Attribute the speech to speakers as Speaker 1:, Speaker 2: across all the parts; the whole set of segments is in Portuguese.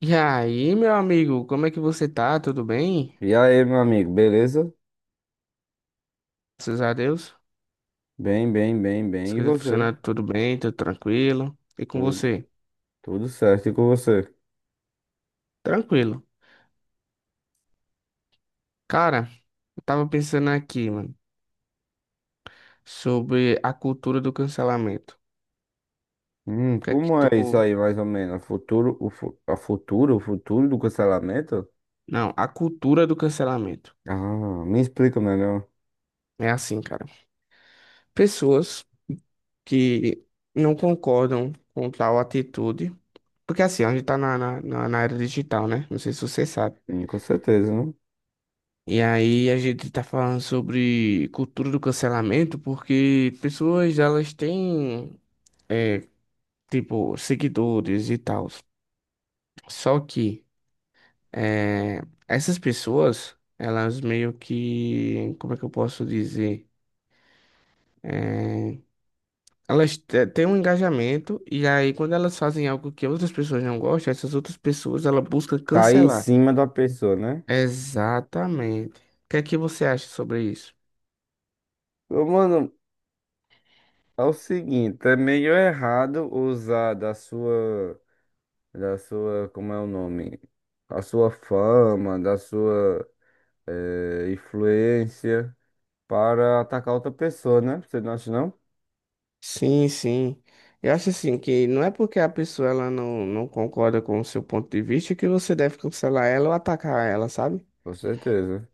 Speaker 1: E aí, meu amigo, como é que você tá? Tudo bem?
Speaker 2: E aí, meu amigo, beleza?
Speaker 1: Graças a Deus.
Speaker 2: Bem, bem, bem,
Speaker 1: As
Speaker 2: bem. E
Speaker 1: coisas
Speaker 2: você?
Speaker 1: funcionando tudo bem, tudo tranquilo. E com
Speaker 2: Tudo,
Speaker 1: você?
Speaker 2: tudo certo e com você?
Speaker 1: Tranquilo. Cara, eu tava pensando aqui, mano, sobre a cultura do cancelamento. O que é que
Speaker 2: Como é isso
Speaker 1: tu.
Speaker 2: aí, mais ou menos? A Futuro, o, a futuro, o futuro do cancelamento?
Speaker 1: Não, a cultura do cancelamento.
Speaker 2: Ah, me explica melhor.
Speaker 1: É assim, cara. Pessoas que não concordam com tal atitude. Porque assim, a gente tá na era digital, né? Não sei se você sabe.
Speaker 2: Sim, com certeza, né?
Speaker 1: E aí a gente tá falando sobre cultura do cancelamento porque pessoas elas têm é, tipo seguidores e tal. Só que é, essas pessoas elas meio que como é que eu posso dizer? É, elas têm um engajamento e aí quando elas fazem algo que outras pessoas não gostam, essas outras pessoas ela busca
Speaker 2: Cair em
Speaker 1: cancelar.
Speaker 2: cima da pessoa, né?
Speaker 1: Exatamente. O que é que você acha sobre isso?
Speaker 2: Ô, mano, é o seguinte, é meio errado usar da sua, como é o nome? A sua fama, da sua, influência para atacar outra pessoa, né? Você não acha, não?
Speaker 1: Sim, sim. Eu acho assim que não é porque a pessoa ela não concorda com o seu ponto de vista que você deve cancelar ela ou atacar ela, sabe?
Speaker 2: Com certeza.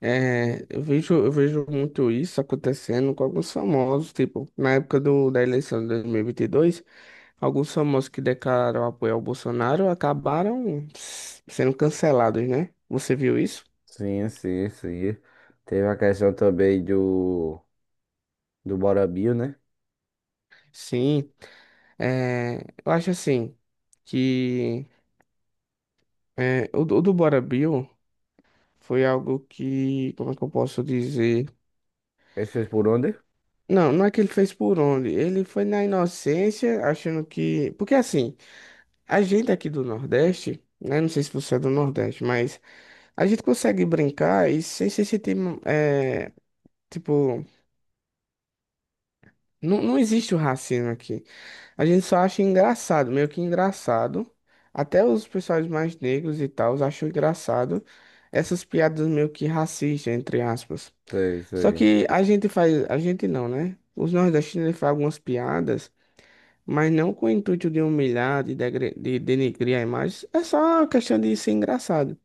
Speaker 1: É, eu vejo muito isso acontecendo com alguns famosos, tipo, na época da eleição de 2022, alguns famosos que declararam apoio ao Bolsonaro acabaram sendo cancelados, né? Você viu isso?
Speaker 2: Sim, sim, sim. Teve a questão também do, do Bora Bill, né?
Speaker 1: Sim. É, eu acho assim que o do Bora Bill. Foi algo que, como é que eu posso dizer?
Speaker 2: Ele fez por onde?
Speaker 1: Não, não é que ele fez por onde. Ele foi na inocência, achando que. Porque assim, a gente aqui do Nordeste, né? Não sei se você é do Nordeste, mas a gente consegue brincar e sem se sentir. É, tipo, não existe o racismo aqui. A gente só acha engraçado, meio que engraçado. Até os pessoais mais negros e tal acham engraçado essas piadas meio que racistas, entre aspas.
Speaker 2: Sei,
Speaker 1: Só
Speaker 2: sei.
Speaker 1: que a gente faz, a gente não, né? Os nordestinos eles fazem algumas piadas, mas não com o intuito de humilhar, de, de denegrir a imagem, é só questão de ser engraçado.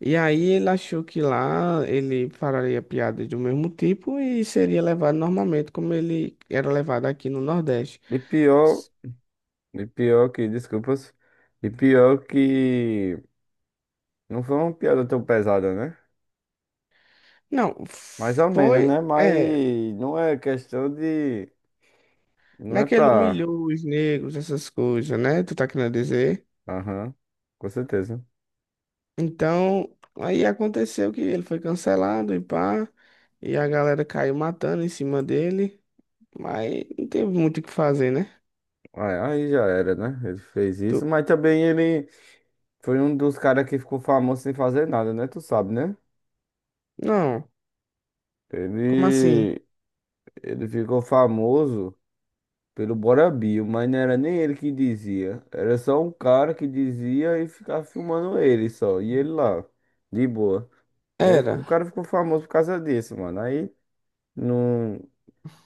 Speaker 1: E aí ele achou que lá ele faria piadas do mesmo tipo e seria levado normalmente como ele era levado aqui no Nordeste.
Speaker 2: E pior, e pior que, desculpas, e pior que não foi uma piada tão pesada, né?
Speaker 1: Não,
Speaker 2: Mais ou menos,
Speaker 1: foi,
Speaker 2: né?
Speaker 1: é,
Speaker 2: Mas não é questão de. Não é
Speaker 1: naquele
Speaker 2: pra.
Speaker 1: humilhou os negros, essas coisas, né? Tu tá querendo dizer?
Speaker 2: Aham, com certeza.
Speaker 1: Então, aí aconteceu que ele foi cancelado e pá, e a galera caiu matando em cima dele, mas não teve muito o que fazer, né?
Speaker 2: Aí aí já era, né? Ele fez isso,
Speaker 1: Tu-
Speaker 2: mas também ele. Foi um dos caras que ficou famoso sem fazer nada, né? Tu sabe, né?
Speaker 1: Não, como assim?
Speaker 2: Ele, ele ficou famoso pelo Bora Bill, mas não era nem ele que dizia. Era só um cara que dizia e ficava filmando ele só. E ele lá, de boa. E aí o
Speaker 1: Era.
Speaker 2: cara ficou famoso por causa disso, mano. Aí não,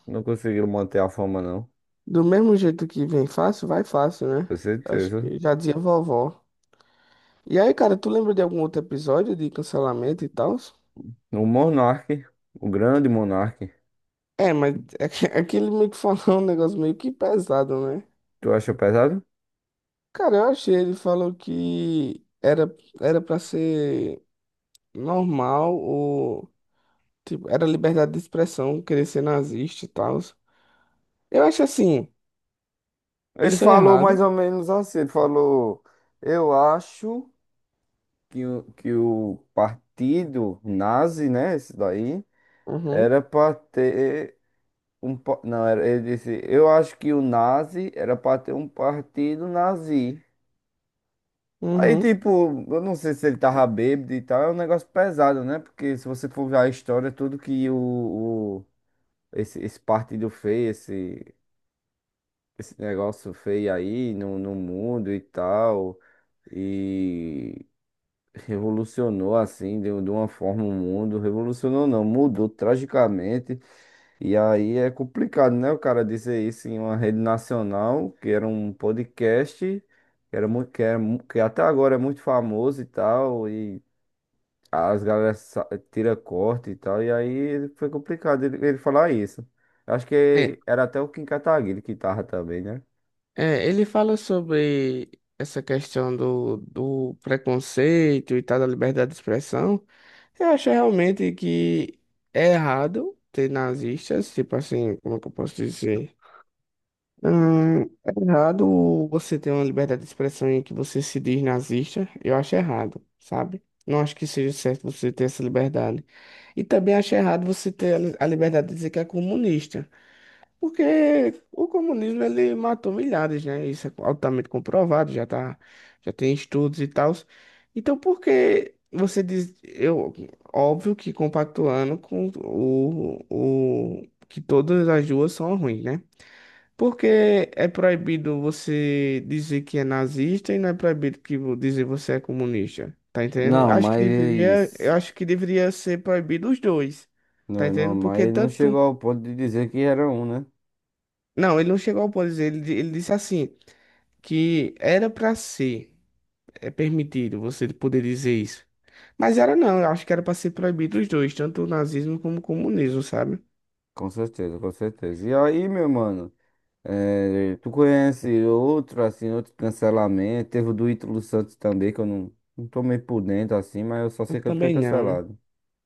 Speaker 2: não conseguiram manter a fama, não.
Speaker 1: Do mesmo jeito que vem fácil, vai fácil, né?
Speaker 2: Com
Speaker 1: Acho
Speaker 2: certeza.
Speaker 1: que já dizia vovó. E aí, cara, tu lembra de algum outro episódio de cancelamento e tal?
Speaker 2: O Monark, o grande Monark.
Speaker 1: É, mas é que ele meio que falou um negócio meio que pesado, né?
Speaker 2: Tu acha pesado?
Speaker 1: Cara, eu achei, ele falou que era para ser normal. Tipo, era liberdade de expressão, querer ser nazista e tal. Eu acho assim,
Speaker 2: Ele
Speaker 1: isso é
Speaker 2: falou
Speaker 1: errado.
Speaker 2: mais ou menos assim, ele falou, eu acho que o partido nazi, né, esse daí,
Speaker 1: Uhum,
Speaker 2: era para ter um, não, era, ele disse, eu acho que o nazi era para ter um partido nazi. Aí,
Speaker 1: uhum.
Speaker 2: tipo, eu não sei se ele tava bêbado e tal, é um negócio pesado, né? Porque se você for ver a história, tudo que o, o- esse, esse partido fez, esse negócio feio aí no, no mundo e tal, revolucionou assim, deu de uma forma o mundo. Revolucionou não, mudou tragicamente. E aí é complicado, né? O cara dizer isso em uma rede nacional, que era um podcast, que era muito, que, que até agora é muito famoso e tal, e as galera tira corte e tal. E aí foi complicado ele, ele falar isso. Acho
Speaker 1: É,
Speaker 2: que era até o Kim Kataguiri que tava também, né?
Speaker 1: ele fala sobre essa questão do preconceito e tal, da liberdade de expressão. Eu acho realmente que é errado ter nazistas, tipo assim, como é que eu posso dizer? É errado você ter uma liberdade de expressão em que você se diz nazista. Eu acho errado, sabe? Não acho que seja certo você ter essa liberdade. E também acho errado você ter a a liberdade de dizer que é comunista. Porque o comunismo ele matou milhares, né? Isso é altamente comprovado, já tá, já tem estudos e tal. Então por que você diz, eu, óbvio que compactuando com o que todas as duas são ruins, né? Porque é proibido você dizer que é nazista e não é proibido que dizer você é comunista. Tá entendendo?
Speaker 2: Não,
Speaker 1: Acho que deveria,
Speaker 2: mas
Speaker 1: eu acho que deveria ser proibido os dois. Tá
Speaker 2: não, não,
Speaker 1: entendendo?
Speaker 2: mas
Speaker 1: Porque
Speaker 2: ele não chegou
Speaker 1: tanto.
Speaker 2: ao ponto de dizer que era um, né?
Speaker 1: Não, ele não chegou ao ponto de dizer, ele disse assim, que era pra ser permitido você poder dizer isso. Mas era não, eu acho que era pra ser proibido os dois, tanto o nazismo como o comunismo, sabe?
Speaker 2: Com certeza, com certeza. E aí, meu mano, tu conhece outro, assim, outro cancelamento? Teve o do Ítalo Santos também, que eu não, não tô meio por dentro, assim, mas eu só
Speaker 1: Eu
Speaker 2: sei que ele foi
Speaker 1: também não.
Speaker 2: cancelado.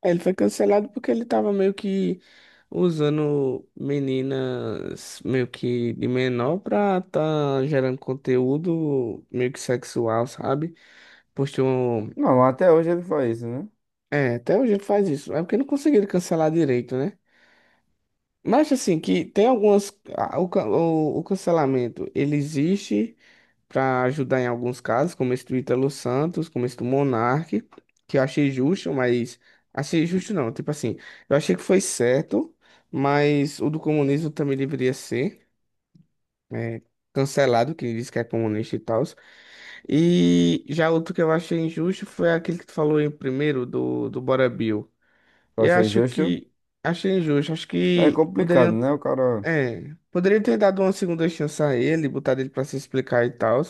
Speaker 1: Ele foi cancelado porque ele tava meio que usando meninas meio que de menor pra tá gerando conteúdo meio que sexual, sabe? Postou.
Speaker 2: Não, mas até hoje ele faz isso, né?
Speaker 1: É, até hoje ele faz isso. É porque não conseguiram cancelar direito, né? Mas assim, que tem algumas. O, o cancelamento, ele existe para ajudar em alguns casos, como esse do Ítalo Santos, como esse do Monark, que eu achei justo, mas achei justo não, tipo assim, eu achei que foi certo, mas o do comunismo também deveria ser é, cancelado, que diz que é comunista e tal. E já outro que eu achei injusto foi aquele que tu falou em primeiro do Bora Bill.
Speaker 2: Tu
Speaker 1: Eu
Speaker 2: acha
Speaker 1: acho
Speaker 2: injusto?
Speaker 1: que achei injusto, acho
Speaker 2: É
Speaker 1: que
Speaker 2: complicado,
Speaker 1: poderiam
Speaker 2: né? O cara.
Speaker 1: poderia ter dado uma segunda chance a ele, botado ele pra se explicar e tal.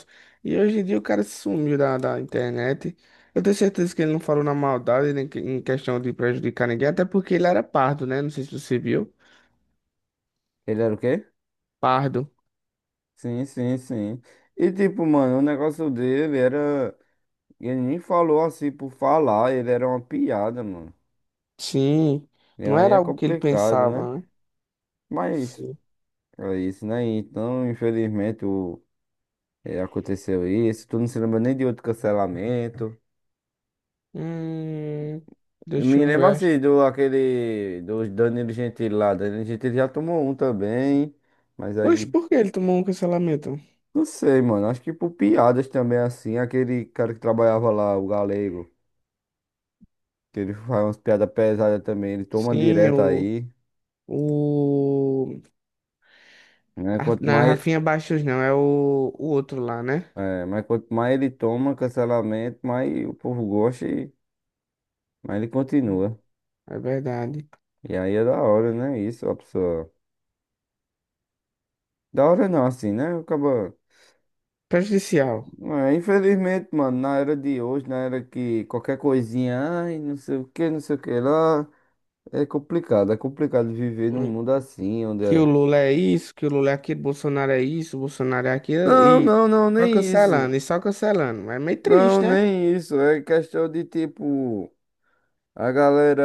Speaker 1: E hoje em dia o cara sumiu da internet. Eu tenho certeza que ele não falou na maldade, nem que- em questão de prejudicar ninguém, até porque ele era pardo, né? Não sei se você viu.
Speaker 2: Ele era o quê?
Speaker 1: Pardo.
Speaker 2: Sim, sim, sim. E tipo, mano, o negócio dele era. Ele nem falou assim por falar, ele era uma piada, mano.
Speaker 1: Sim,
Speaker 2: E
Speaker 1: não
Speaker 2: aí
Speaker 1: era
Speaker 2: é
Speaker 1: algo que ele
Speaker 2: complicado, né?
Speaker 1: pensava, né?
Speaker 2: Mas
Speaker 1: Sim.
Speaker 2: é isso, né? Então, infelizmente, o é aconteceu isso. Tu não se lembra nem de outro cancelamento.
Speaker 1: Hum,
Speaker 2: Eu
Speaker 1: deixa
Speaker 2: me
Speaker 1: eu
Speaker 2: lembro
Speaker 1: ver.
Speaker 2: assim do aquele do Danilo Gentili lá. Danilo Gentili já tomou um também. Mas
Speaker 1: Oxe,
Speaker 2: aí,
Speaker 1: por que ele tomou um cancelamento?
Speaker 2: não sei, mano. Acho que por piadas também, assim. Aquele cara que trabalhava lá, o Galego, que ele faz umas piadas pesadas também. Ele toma
Speaker 1: Sim,
Speaker 2: direto
Speaker 1: o.
Speaker 2: aí,
Speaker 1: O.
Speaker 2: né?
Speaker 1: a-
Speaker 2: Quanto
Speaker 1: Não é
Speaker 2: mais,
Speaker 1: Rafinha Baixos, não, é o outro lá, né?
Speaker 2: é, mas quanto mais ele toma cancelamento, mais o povo gosta e mais ele continua.
Speaker 1: É verdade.
Speaker 2: E aí é da hora, né? Isso, a pessoa. Da hora não, assim, né? Acaba.
Speaker 1: Prejudicial.
Speaker 2: É, infelizmente, mano, na era de hoje, na era que qualquer coisinha, ai, não sei o que, não sei o que lá, é complicado viver num mundo assim, onde
Speaker 1: Que o
Speaker 2: é.
Speaker 1: Lula é isso, que o Lula é aquilo, Bolsonaro é isso, Bolsonaro é aquilo,
Speaker 2: Não,
Speaker 1: e
Speaker 2: não, não,
Speaker 1: só
Speaker 2: nem isso.
Speaker 1: cancelando, e só cancelando. É meio triste,
Speaker 2: Não,
Speaker 1: né?
Speaker 2: nem isso. É questão de tipo, a galera,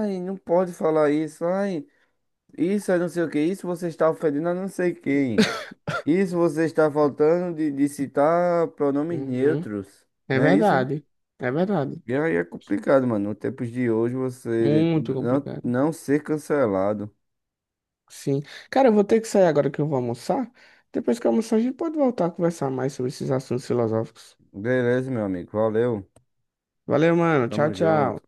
Speaker 2: ai, não pode falar isso, ai, isso é não sei o que, isso você está ofendendo a não sei quem. Isso você está faltando de citar pronomes
Speaker 1: Uhum.
Speaker 2: neutros,
Speaker 1: É
Speaker 2: não é isso?
Speaker 1: verdade, é verdade.
Speaker 2: E aí é complicado, mano. Nos tempos de hoje você
Speaker 1: Muito
Speaker 2: não,
Speaker 1: complicado.
Speaker 2: não ser cancelado.
Speaker 1: Sim. Cara, eu vou ter que sair agora que eu vou almoçar. Depois que eu almoçar, a gente pode voltar a conversar mais sobre esses assuntos filosóficos.
Speaker 2: Beleza, meu amigo. Valeu.
Speaker 1: Valeu, mano. Tchau,
Speaker 2: Tamo
Speaker 1: tchau.
Speaker 2: junto.